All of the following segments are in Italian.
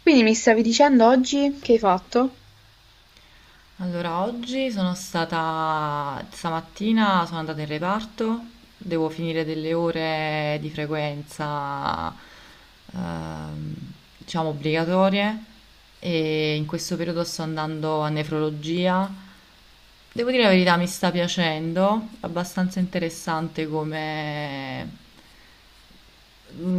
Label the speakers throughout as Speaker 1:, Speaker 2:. Speaker 1: Quindi mi stavi dicendo oggi che hai fatto?
Speaker 2: Allora, oggi sono stata, stamattina sono andata in reparto, devo finire delle ore di frequenza, ehm, diciamo, obbligatorie e in questo periodo sto andando a nefrologia. Devo dire la verità, mi sta piacendo, abbastanza interessante come, mh,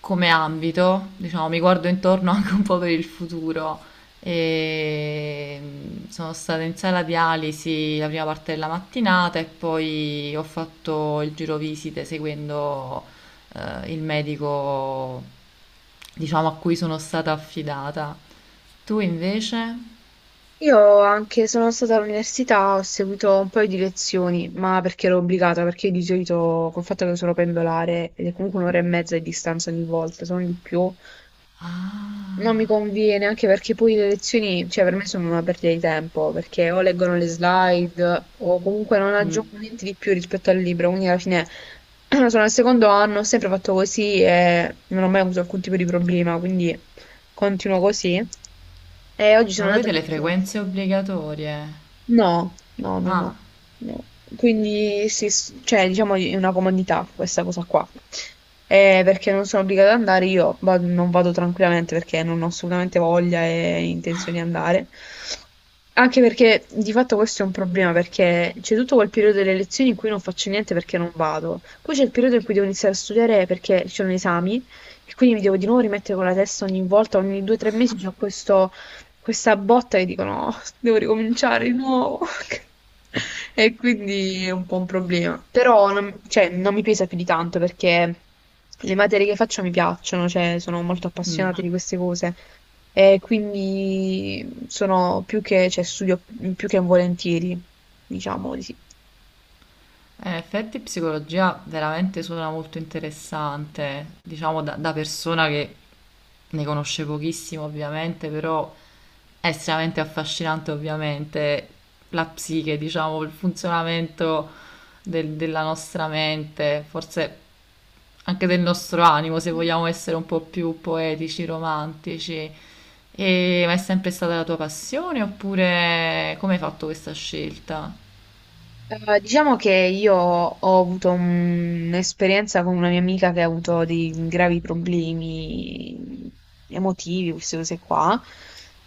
Speaker 2: come ambito, diciamo, mi guardo intorno anche un po' per il futuro. Sono stata in sala dialisi la prima parte della mattinata e poi ho fatto il giro visite seguendo il medico, diciamo, a cui sono stata affidata. Tu invece?
Speaker 1: Io anche sono stata all'università, ho seguito un paio di lezioni, ma perché ero obbligata, perché di solito col fatto che sono pendolare ed è comunque un'ora e mezza di distanza ogni volta, sono di più, non mi
Speaker 2: Ah.
Speaker 1: conviene, anche perché poi le lezioni, cioè per me sono una perdita di tempo, perché o leggono le slide o comunque non
Speaker 2: Mm.
Speaker 1: aggiungono niente di più rispetto al libro, quindi alla fine sono al secondo anno, ho sempre fatto così e non ho mai avuto alcun tipo di problema, quindi continuo così. Oggi
Speaker 2: Ma
Speaker 1: sono andata
Speaker 2: avete
Speaker 1: a
Speaker 2: le frequenze obbligatorie?
Speaker 1: no, no, no,
Speaker 2: Ah.
Speaker 1: no, no. Quindi sì, cioè, diciamo è una comodità questa cosa qua. Perché non sono obbligata ad andare, io non vado tranquillamente perché non ho assolutamente voglia e intenzione di andare. Anche perché di fatto questo è un problema, perché c'è tutto quel periodo delle lezioni in cui non faccio niente perché non vado. Poi c'è il periodo in cui devo iniziare a studiare perché ci sono gli esami e quindi mi devo di nuovo rimettere con la testa ogni volta, ogni due o tre mesi c'è questo questa botta e dicono: "Oh, devo ricominciare di nuovo". E quindi è un po' un problema. Però non, cioè, non mi pesa più di tanto perché le materie che faccio mi piacciono, cioè, sono molto
Speaker 2: Mm.
Speaker 1: appassionata di queste cose. E quindi sono più che, cioè, studio più che volentieri, diciamo di sì.
Speaker 2: In effetti psicologia veramente suona molto interessante, diciamo da, da persona che ne conosce pochissimo ovviamente, però è estremamente affascinante ovviamente la psiche, diciamo, il funzionamento della nostra mente, forse anche del nostro animo, se vogliamo essere un po' più poetici, romantici. E, ma è sempre stata la tua passione oppure come hai fatto questa scelta?
Speaker 1: Diciamo che io ho avuto un'esperienza con una mia amica che ha avuto dei gravi problemi emotivi, queste cose qua,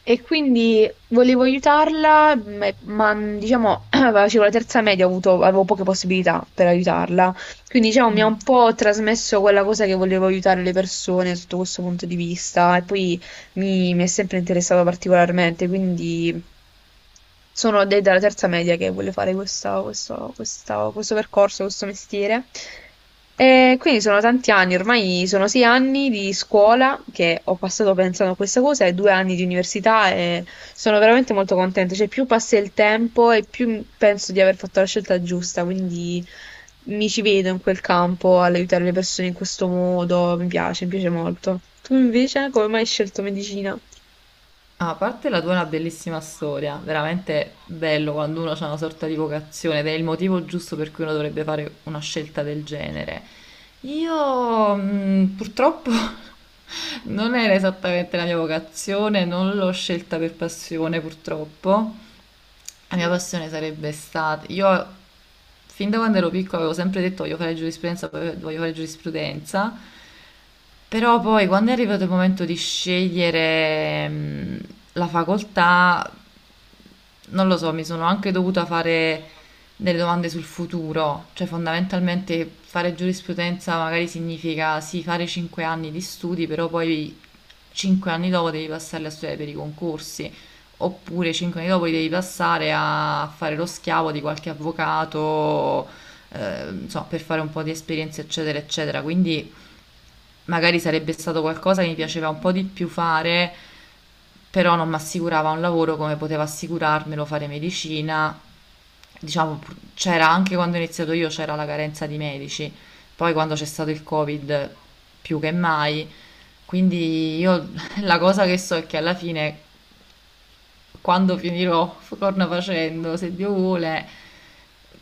Speaker 1: e quindi volevo aiutarla, diciamo, facevo la terza media, avevo poche possibilità per aiutarla, quindi diciamo mi ha un
Speaker 2: Mm.
Speaker 1: po' trasmesso quella cosa che volevo aiutare le persone sotto questo punto di vista, e poi mi è sempre interessata particolarmente, quindi... Sono dalla terza media che voglio fare questo percorso, questo mestiere. E quindi sono tanti anni, ormai sono 6 anni di scuola che ho passato pensando a questa cosa e 2 anni di università e sono veramente molto contenta. Cioè, più passa il tempo e più penso di aver fatto la scelta giusta, quindi mi ci vedo in quel campo all'aiutare le persone in questo modo. Mi piace molto. Tu invece, come mai hai scelto medicina?
Speaker 2: Ah, a parte la tua è una bellissima storia, veramente bello quando uno ha una sorta di vocazione ed è il motivo giusto per cui uno dovrebbe fare una scelta del genere. Io purtroppo non era esattamente la mia vocazione, non l'ho scelta per passione purtroppo. La mia passione sarebbe stata, io fin da quando ero piccola avevo sempre detto: "Voglio fare giurisprudenza, voglio fare giurisprudenza". Però poi quando è arrivato il momento di scegliere, la facoltà, non lo so, mi sono anche dovuta fare delle domande sul futuro, cioè fondamentalmente fare giurisprudenza magari significa sì fare 5 anni di studi, però poi 5 anni dopo devi passarli a studiare per i concorsi, oppure 5 anni dopo li devi passare a fare lo schiavo di qualche avvocato, insomma, per fare un po' di esperienza, eccetera, eccetera. Quindi magari sarebbe stato qualcosa che mi piaceva un po' di più fare, però non mi assicurava un lavoro come poteva assicurarmelo fare medicina. Diciamo, c'era anche quando ho iniziato io, c'era la carenza di medici, poi quando c'è stato il Covid più che mai. Quindi io la cosa che so è che alla fine, quando finirò, corna facendo, se Dio vuole,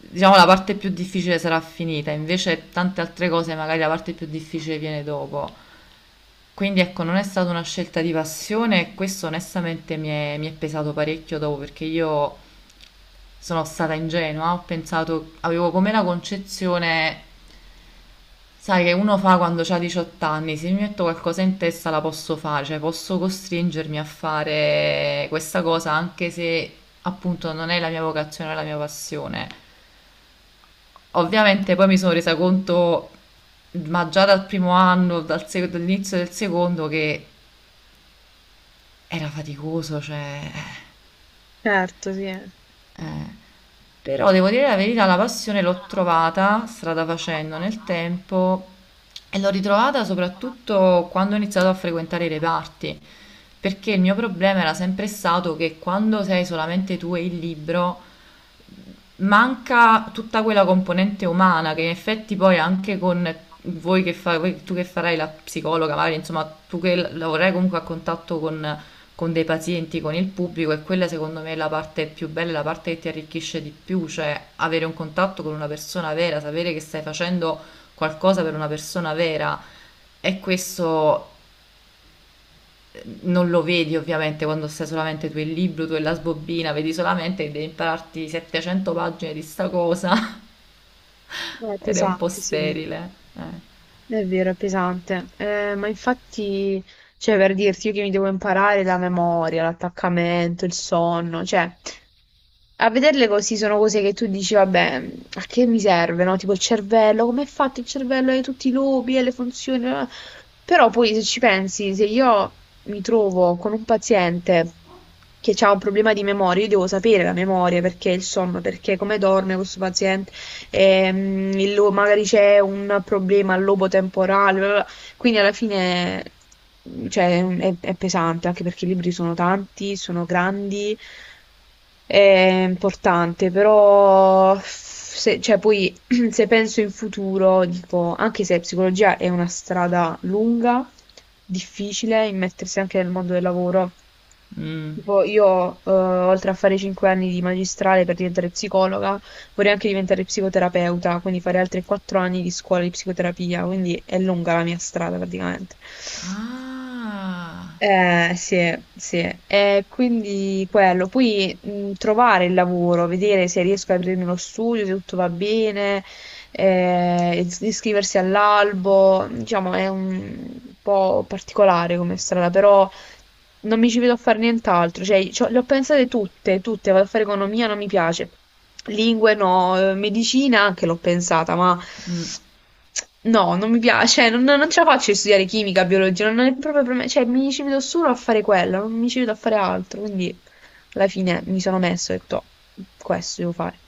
Speaker 2: diciamo la parte più difficile sarà finita, invece tante altre cose magari la parte più difficile viene dopo. Quindi ecco, non è stata una scelta di passione e questo onestamente mi è pesato parecchio dopo perché io sono stata ingenua, ho pensato, avevo come la concezione, sai, che uno fa quando ha 18 anni, se mi metto qualcosa in testa la posso fare, cioè posso costringermi a fare questa cosa anche se appunto non è la mia vocazione, non è la mia passione. Ovviamente poi mi sono resa conto, ma già dal primo anno, dall'inizio del secondo, che era faticoso, cioè...
Speaker 1: Certo, sì.
Speaker 2: eh. Però devo dire la verità, la passione l'ho trovata strada facendo nel tempo e l'ho ritrovata soprattutto quando ho iniziato a frequentare i reparti, perché il mio problema era sempre stato che quando sei solamente tu e il libro manca tutta quella componente umana che in effetti poi anche con voi che fa, voi- tu che farai la psicologa, magari insomma tu che lavorerai comunque a contatto con dei pazienti, con il pubblico, e quella secondo me è la parte più bella, la parte che ti arricchisce di più, cioè avere un contatto con una persona vera, sapere che stai facendo qualcosa per una persona vera, e questo non lo vedi ovviamente quando stai solamente tu e il libro, tu e la sbobbina, vedi solamente che devi impararti 700 pagine di sta cosa ed è un po'
Speaker 1: Pesante, sì.
Speaker 2: sterile. Eh.
Speaker 1: È vero, è pesante. Ma infatti, cioè, per dirti, io che mi devo imparare la memoria, l'attaccamento, il sonno, cioè, a vederle così sono cose che tu dici, vabbè, a che mi serve, no? Tipo il cervello, come è fatto il cervello, hai tutti i lobi, e le funzioni. Eh, però poi se ci pensi, se io mi trovo con un paziente che ha un problema di memoria, io devo sapere la memoria, perché il sonno, perché come dorme questo il magari c'è un problema lobo-temporale, bla bla bla, quindi alla fine, cioè, è pesante, anche perché i libri sono tanti, sono grandi, è importante, però se, cioè, poi se penso in futuro, dico, anche se psicologia è una strada lunga, difficile, immettersi anche nel mondo del lavoro.
Speaker 2: Mm.
Speaker 1: Tipo, io, oltre a fare 5 anni di magistrale per diventare psicologa, vorrei anche diventare psicoterapeuta, quindi fare altri 4 anni di scuola di psicoterapia, quindi è lunga la mia strada praticamente.
Speaker 2: Ah.
Speaker 1: Sì, sì. E quindi quello. Poi trovare il lavoro, vedere se riesco a aprirmi lo studio, se tutto va bene, iscriversi all'albo, diciamo, è un po' particolare come strada, però non mi ci vedo a fare nient'altro, cioè le ho pensate tutte, tutte, vado a fare economia, non mi piace, lingue no, eh, medicina anche l'ho pensata, ma
Speaker 2: Mm.
Speaker 1: no, non mi piace, cioè, non, non ce la faccio di studiare chimica, biologia, non è proprio per me, cioè mi ci vedo solo a fare quello, non mi ci vedo a fare altro, quindi alla fine mi sono messo e ho detto, "Oh, questo devo fare".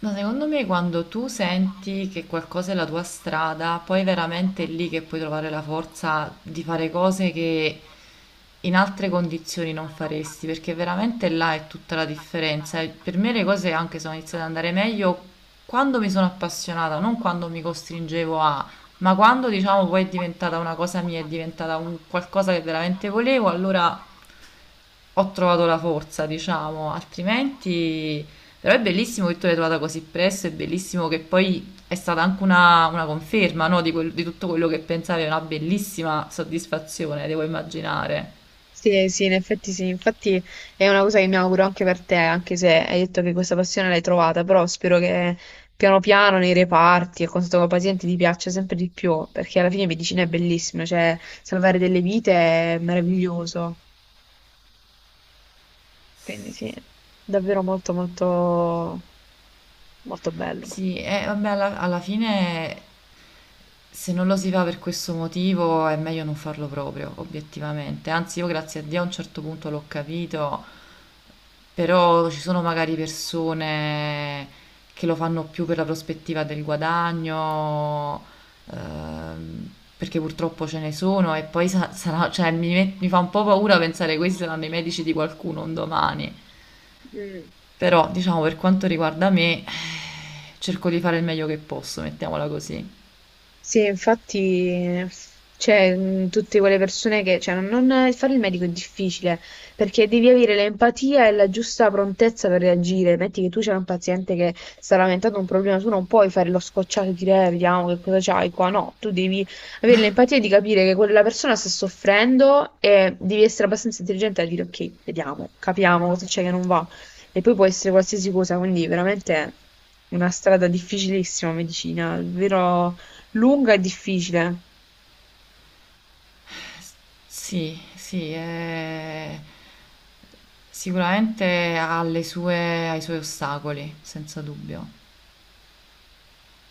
Speaker 2: Ma secondo me quando tu senti che qualcosa è la tua strada, poi veramente è lì che puoi trovare la forza di fare cose che in altre condizioni non faresti, perché veramente là è tutta la differenza. E per me le cose anche sono iniziate ad andare meglio quando mi sono appassionata, non quando mi costringevo a, ma quando diciamo poi è diventata una cosa mia, è diventata un qualcosa che veramente volevo, allora ho trovato la forza, diciamo, altrimenti, però è bellissimo che tu l'hai trovata così presto, è bellissimo che poi è stata anche una conferma, no, di tutto quello che pensavi, è una bellissima soddisfazione, devo immaginare.
Speaker 1: Sì, sì, in effetti sì, infatti è una cosa che mi auguro anche per te, anche se hai detto che questa passione l'hai trovata, però spero che piano piano nei reparti e con questo paziente ti piaccia sempre di più, perché alla fine medicina è bellissima, cioè salvare delle vite è meraviglioso, quindi sì, davvero molto molto molto bello.
Speaker 2: Sì, e vabbè, alla fine se non lo si fa per questo motivo è meglio non farlo proprio, obiettivamente. Anzi, io grazie a Dio a un certo punto l'ho capito, però ci sono magari persone che lo fanno più per la prospettiva del guadagno, ehm, perché purtroppo ce ne sono e poi sarà, cioè, mi fa un po' paura pensare che questi saranno i medici di qualcuno un domani. Però, diciamo, per quanto riguarda me, cerco di fare il meglio che posso, mettiamola così.
Speaker 1: Sì, infatti, c'è tutte quelle persone che, cioè, fare il medico è difficile perché devi avere l'empatia e la giusta prontezza per reagire. Metti che tu c'è un paziente che sta lamentando un problema, tu non puoi fare lo scocciato e dire, vediamo che cosa c'hai qua". No, tu devi avere l'empatia di capire che quella persona sta soffrendo e devi essere abbastanza intelligente a dire, ok, vediamo, capiamo cosa c'è che non va. E poi può essere qualsiasi cosa, quindi veramente una strada difficilissima, medicina, davvero lunga e difficile
Speaker 2: Sì, sì, sicuramente ha le sue, ha i suoi ostacoli, senza dubbio.